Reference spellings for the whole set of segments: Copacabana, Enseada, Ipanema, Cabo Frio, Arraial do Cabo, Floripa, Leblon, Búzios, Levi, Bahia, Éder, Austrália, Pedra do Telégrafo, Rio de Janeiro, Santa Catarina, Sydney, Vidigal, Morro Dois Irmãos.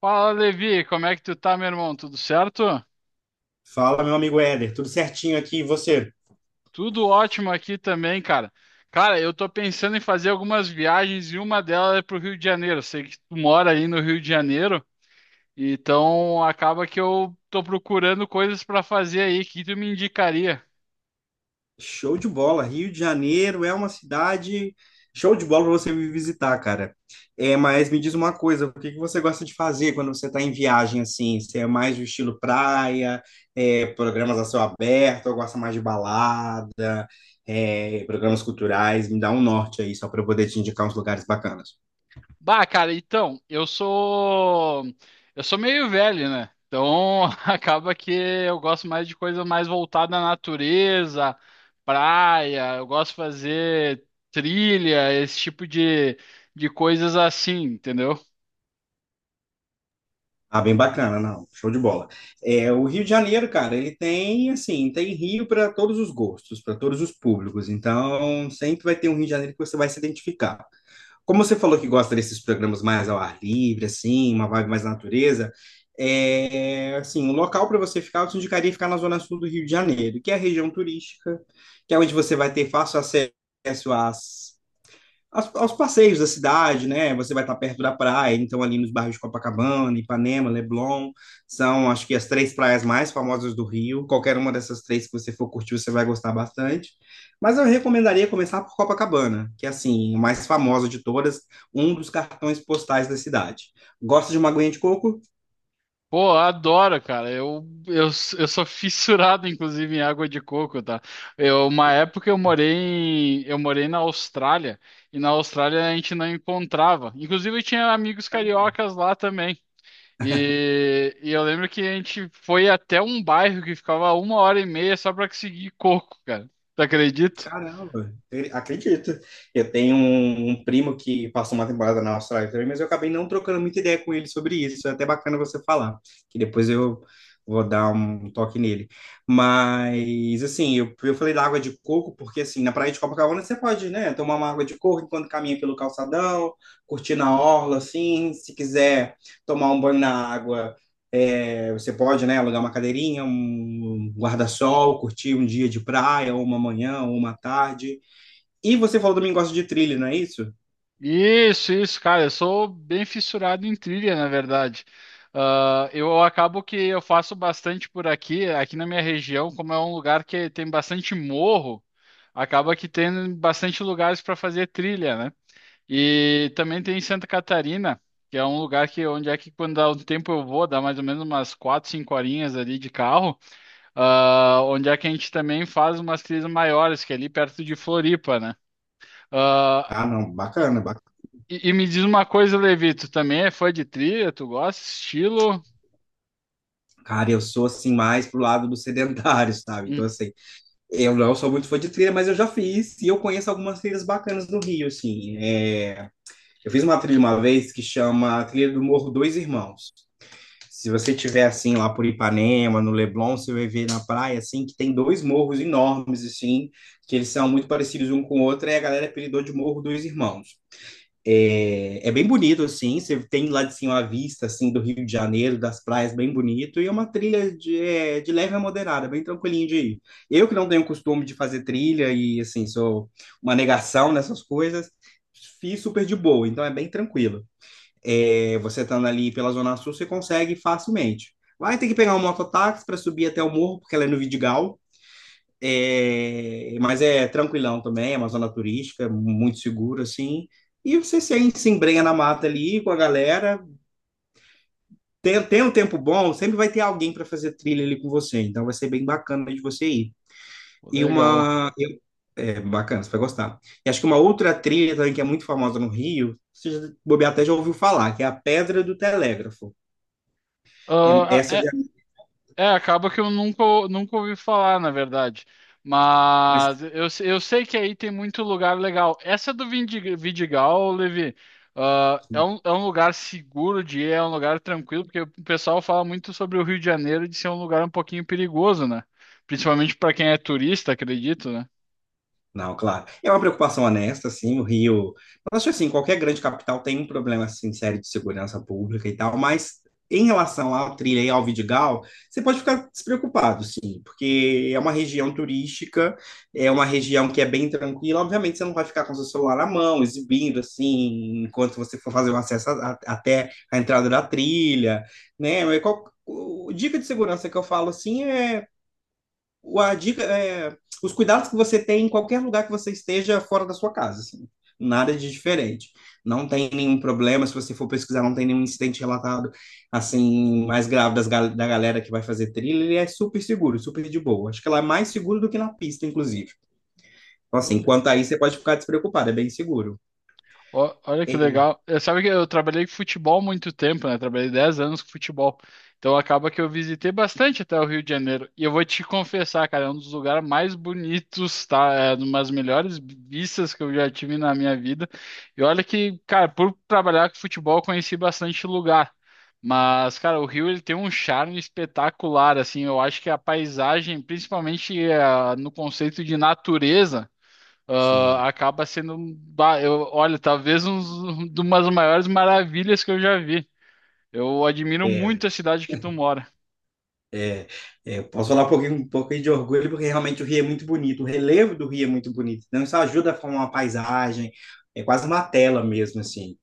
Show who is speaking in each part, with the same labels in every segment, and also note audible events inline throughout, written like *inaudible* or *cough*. Speaker 1: Fala, Levi, como é que tu tá, meu irmão? Tudo certo?
Speaker 2: Fala, meu amigo Éder, tudo certinho aqui e você?
Speaker 1: Tudo ótimo aqui também, cara. Cara, eu tô pensando em fazer algumas viagens e uma delas é pro Rio de Janeiro. Eu sei que tu mora aí no Rio de Janeiro, então acaba que eu tô procurando coisas pra fazer aí. O que tu me indicaria?
Speaker 2: Show de bola. Rio de Janeiro é uma cidade show de bola para você vir visitar, cara. É, mas me diz uma coisa, o que que você gosta de fazer quando você está em viagem assim? Você é mais do estilo praia, é, programas a céu aberto, ou gosta mais de balada, é, programas culturais? Me dá um norte aí, só para eu poder te indicar uns lugares bacanas.
Speaker 1: Bah, cara, então, eu sou meio velho, né? Então, *laughs* acaba que eu gosto mais de coisa mais voltada à natureza, praia, eu gosto de fazer trilha, esse tipo de coisas assim, entendeu?
Speaker 2: Ah, bem bacana, não. Show de bola. O Rio de Janeiro, cara, ele tem, assim, tem Rio para todos os gostos, para todos os públicos. Então, sempre vai ter um Rio de Janeiro que você vai se identificar. Como você falou que gosta desses programas mais ao ar livre, assim, uma vibe mais natureza, é, assim, um local para você ficar, eu te indicaria ficar na zona sul do Rio de Janeiro, que é a região turística, que é onde você vai ter fácil acesso às aos passeios da cidade, né? Você vai estar perto da praia, então ali nos bairros de Copacabana, Ipanema, Leblon, são acho que as três praias mais famosas do Rio. Qualquer uma dessas três que você for curtir, você vai gostar bastante. Mas eu recomendaria começar por Copacabana, que é assim, a mais famosa de todas, um dos cartões postais da cidade. Gosta de uma aguinha de coco?
Speaker 1: Pô, eu adoro, cara. Eu sou *laughs* fissurado, inclusive, em água de coco, tá? Eu, uma época eu morei na Austrália, e na Austrália a gente não encontrava. Inclusive, eu tinha amigos cariocas lá também. E eu lembro que a gente foi até um bairro que ficava uma hora e meia só pra conseguir coco, cara. Tu acredita?
Speaker 2: Caramba, eu acredito. Eu tenho um, primo que passou uma temporada na Austrália também, mas eu acabei não trocando muita ideia com ele sobre isso. É até bacana você falar, que depois eu vou dar um toque nele. Mas, assim, eu falei da água de coco, porque, assim, na praia de Copacabana você pode, né, tomar uma água de coco enquanto caminha pelo calçadão, curtir na orla, assim, se quiser tomar um banho na água, você pode, né, alugar uma cadeirinha, um guarda-sol, curtir um dia de praia, ou uma manhã, ou uma tarde. E você falou também que gosta de trilha, não é isso?
Speaker 1: Isso, cara. Eu sou bem fissurado em trilha, na verdade. Ah, eu acabo que eu faço bastante por aqui, aqui na minha região, como é um lugar que tem bastante morro, acaba que tem bastante lugares para fazer trilha, né? E também tem Santa Catarina, que é um lugar que onde é que quando dá um tempo eu vou, dá mais ou menos umas quatro, cinco horinhas ali de carro. Ah, onde é que a gente também faz umas trilhas maiores, que é ali perto de Floripa, né? Ah,
Speaker 2: Ah, não,
Speaker 1: e,
Speaker 2: bacana, bacana.
Speaker 1: e me diz uma coisa, Levi, tu também é fã de trilha? Tu gosta? Estilo?
Speaker 2: Cara, eu sou assim mais pro lado do sedentário, sabe?
Speaker 1: Hum,
Speaker 2: Então, assim, eu não sou muito fã de trilha, mas eu já fiz e eu conheço algumas trilhas bacanas no Rio, assim. É, Eu fiz uma trilha uma vez que chama Trilha do Morro Dois Irmãos. Se você tiver assim lá por Ipanema, no Leblon, você vai ver na praia assim que tem dois morros enormes assim, que eles são muito parecidos um com o outro, e a galera apelidou de Morro dos Irmãos. É, é bem bonito assim, você tem lá de cima a vista assim do Rio de Janeiro, das praias, bem bonito, e é uma trilha de, é, de leve a moderada, bem tranquilinho de ir. Eu que não tenho costume de fazer trilha e assim, sou uma negação nessas coisas, fiz super de boa, então é bem tranquilo. É, você estando ali pela Zona Sul, você consegue facilmente. Vai ter que pegar um mototáxi para subir até o morro, porque ela é no Vidigal. É, mas é tranquilão também, é uma zona turística, muito seguro, assim. E você se embrenha na mata ali com a galera. Tem, tem um tempo bom, sempre vai ter alguém para fazer trilha ali com você. Então vai ser bem bacana de você ir. E
Speaker 1: legal.
Speaker 2: uma. eu- É bacana, você vai gostar. E acho que uma outra trilha também que é muito famosa no Rio, você já, bobear até já ouviu falar, que é a Pedra do Telégrafo. É,
Speaker 1: Ah,
Speaker 2: essa já.
Speaker 1: é, acaba que eu nunca, nunca ouvi falar, na verdade.
Speaker 2: Mas,
Speaker 1: Mas eu, se- eu sei que aí tem muito lugar legal. Essa do Vidigal, Levi, ah, é um lugar seguro de ir, é um lugar tranquilo, porque o pessoal fala muito sobre o Rio de Janeiro de ser um lugar um pouquinho perigoso, né? Principalmente para quem é turista, acredito, né?
Speaker 2: não, claro. É uma preocupação honesta, assim, o Rio. Eu acho assim, qualquer grande capital tem um problema assim, sério de segurança pública e tal, mas em relação ao Trilha e ao Vidigal, você pode ficar despreocupado, sim, porque é uma região turística, é uma região que é bem tranquila. Obviamente, você não vai ficar com seu celular na mão, exibindo, assim, enquanto você for fazer o acesso até a entrada da trilha, né? Mas dica de segurança que eu falo, assim, é a dica é os cuidados que você tem em qualquer lugar que você esteja fora da sua casa, assim. Nada de diferente. Não tem nenhum problema, se você for pesquisar, não tem nenhum incidente relatado, assim, mais grave da galera que vai fazer trilha, ele é super seguro, super de boa. Acho que ela é mais seguro do que na pista, inclusive. Então, assim, quanto a isso, você pode ficar despreocupado, é bem seguro.
Speaker 1: Ó, olha que
Speaker 2: É,
Speaker 1: legal. Sabe que eu trabalhei com futebol há muito tempo, né? Trabalhei 10 anos com futebol. Então acaba que eu visitei bastante até o Rio de Janeiro. E eu vou te confessar, cara, é um dos lugares mais bonitos, tá? É uma das melhores vistas que eu já tive na minha vida. E olha que, cara, por trabalhar com futebol, eu conheci bastante lugar. Mas, cara, o Rio ele tem um charme espetacular, assim. Eu acho que a paisagem, principalmente no conceito de natureza
Speaker 2: sim.
Speaker 1: acaba sendo, bah, eu, olha, talvez de umas maiores maravilhas que eu já vi. Eu admiro muito a cidade que tu mora.
Speaker 2: É, Eu posso falar um pouquinho de orgulho, porque realmente o Rio é muito bonito, o relevo do Rio é muito bonito. Então, isso ajuda a formar uma paisagem, é quase uma tela mesmo, assim.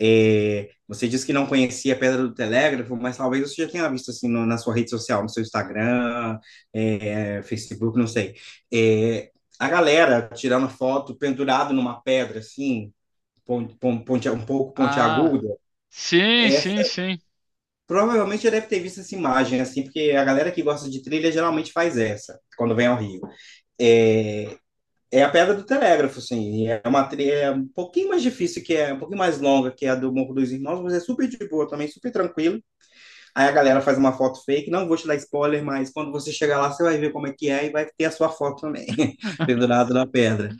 Speaker 2: É, você disse que não conhecia a Pedra do Telégrafo, mas talvez você já tenha visto, assim, na sua rede social, no seu Instagram, é, Facebook, não sei. É, a galera tirando foto pendurado numa pedra, assim, um pouco
Speaker 1: Ah,
Speaker 2: pontiaguda,
Speaker 1: sim,
Speaker 2: é
Speaker 1: sim, sim.
Speaker 2: provavelmente já deve ter visto essa imagem, assim, porque a galera que gosta de trilha geralmente faz essa, quando vem ao Rio. É, é a Pedra do Telégrafo, assim, é uma trilha um pouquinho mais difícil, que é um pouquinho mais longa que é a do Morro dos Irmãos, mas é super de boa também, super tranquilo. Aí a galera faz uma foto fake, não vou te dar spoiler, mas quando você chegar lá, você vai ver como é que é e vai ter a sua foto também, *laughs* pendurada na pedra.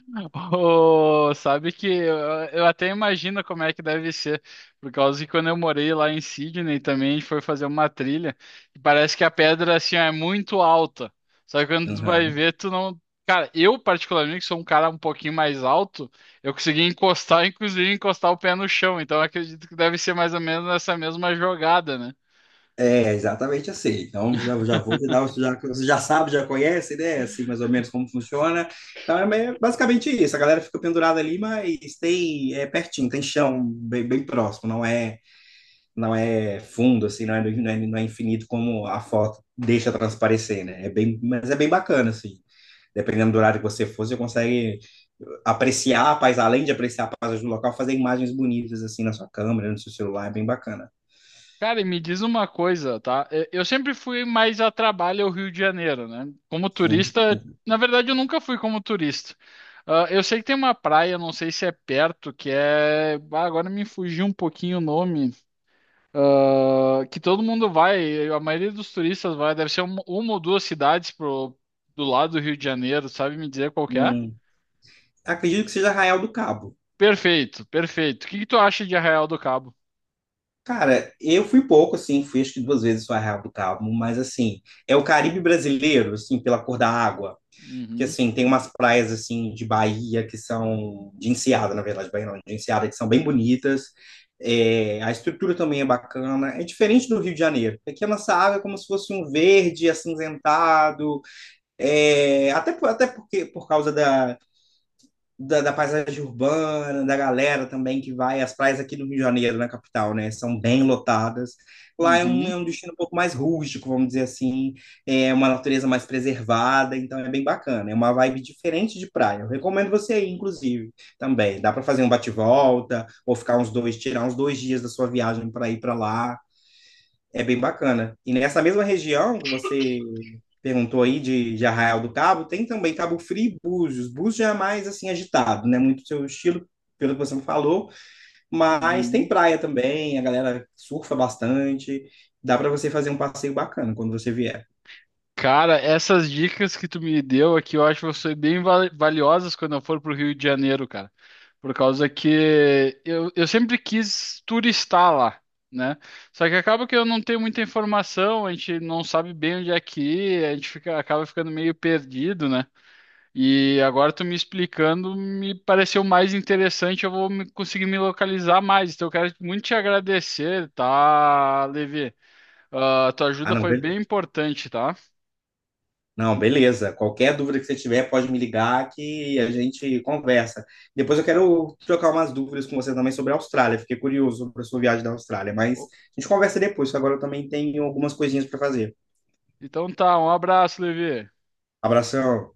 Speaker 1: Ô, sabe que eu até imagino como é que deve ser, por causa que quando eu morei lá em Sydney também, a gente foi fazer uma trilha, e parece que a pedra assim ó, é muito alta. Só que quando tu vai
Speaker 2: Uhum.
Speaker 1: ver, tu não. Cara, eu particularmente, que sou um cara um pouquinho mais alto, eu consegui encostar, *laughs* inclusive encostar o pé no chão, então eu acredito que deve ser mais ou menos essa mesma jogada, né?
Speaker 2: É, exatamente assim. Então, já, já vou te dar, o já, você já sabe, já conhece, né? Assim, mais ou menos como funciona. Então, basicamente isso. A galera fica pendurada ali, mas tem, é pertinho, tem chão bem, bem próximo. Não é, não é fundo, assim, não é infinito como a foto deixa transparecer, né? É bem, mas é bem bacana, assim. Dependendo do horário que você for, você consegue apreciar a paisagem, além de apreciar a paisagem do local, fazer imagens bonitas, assim, na sua câmera, no seu celular. É bem bacana.
Speaker 1: Cara, e me diz uma coisa, tá? Eu sempre fui mais a trabalho ao Rio de Janeiro, né? Como
Speaker 2: Sim.
Speaker 1: turista, na verdade, eu nunca fui como turista. Ah, eu sei que tem uma praia, não sei se é perto, que é. Ah, agora me fugiu um pouquinho o nome. Ah, que todo mundo vai, a maioria dos turistas vai, deve ser uma ou duas cidades pro, do lado do Rio de Janeiro, sabe me dizer qual que é?
Speaker 2: Hum. Acredito que seja Arraial do Cabo.
Speaker 1: Perfeito, perfeito. O que que tu acha de Arraial do Cabo?
Speaker 2: Cara, eu fui pouco, assim, fui acho que duas vezes só Arraial do Cabo, mas assim, é o Caribe brasileiro, assim, pela cor da
Speaker 1: Hum.
Speaker 2: água. Porque
Speaker 1: Uhum,
Speaker 2: assim, tem umas praias assim de Bahia que são de Enseada, na verdade, Bahia não, de Enseada, que são bem bonitas. É, a estrutura também é bacana, é diferente do Rio de Janeiro. Aqui a nossa água é como se fosse um verde acinzentado, até porque por causa da paisagem urbana, da galera também que vai. As praias aqui do Rio de Janeiro, na capital, né, são bem lotadas. Lá é
Speaker 1: uhum,
Speaker 2: um destino um pouco mais rústico, vamos dizer assim, é uma natureza mais preservada, então é bem bacana. É uma vibe diferente de praia. Eu recomendo você ir, inclusive, também. Dá para fazer um bate-volta, ou ficar uns dois, tirar uns dois dias da sua viagem para ir para lá. É bem bacana. E nessa mesma região que você perguntou aí de Arraial do Cabo, tem também Cabo Frio e Búzios. Búzios já é mais assim agitado, né? Muito seu estilo, pelo que você me falou, mas tem
Speaker 1: uhum.
Speaker 2: praia também, a galera surfa bastante. Dá para você fazer um passeio bacana quando você vier.
Speaker 1: Cara, essas dicas que tu me deu aqui, eu acho que vão ser bem valiosas quando eu for pro Rio de Janeiro, cara. Por causa que eu sempre quis turistar lá, né? Só que acaba que eu não tenho muita informação, a gente não sabe bem onde é que ir, a gente fica, acaba ficando meio perdido, né? E agora tu me explicando, me pareceu mais interessante, eu vou conseguir me localizar mais. Então eu quero muito te agradecer, tá, Levi? Ah, tua
Speaker 2: Ah,
Speaker 1: ajuda
Speaker 2: não,
Speaker 1: foi bem importante, tá?
Speaker 2: não, beleza. Qualquer dúvida que você tiver, pode me ligar que a gente conversa. Depois eu quero trocar umas dúvidas com você também sobre a Austrália. Fiquei curioso sobre a sua viagem da Austrália, mas a gente conversa depois, que agora eu também tenho algumas coisinhas para fazer.
Speaker 1: Então tá, um abraço, Levi.
Speaker 2: Abração.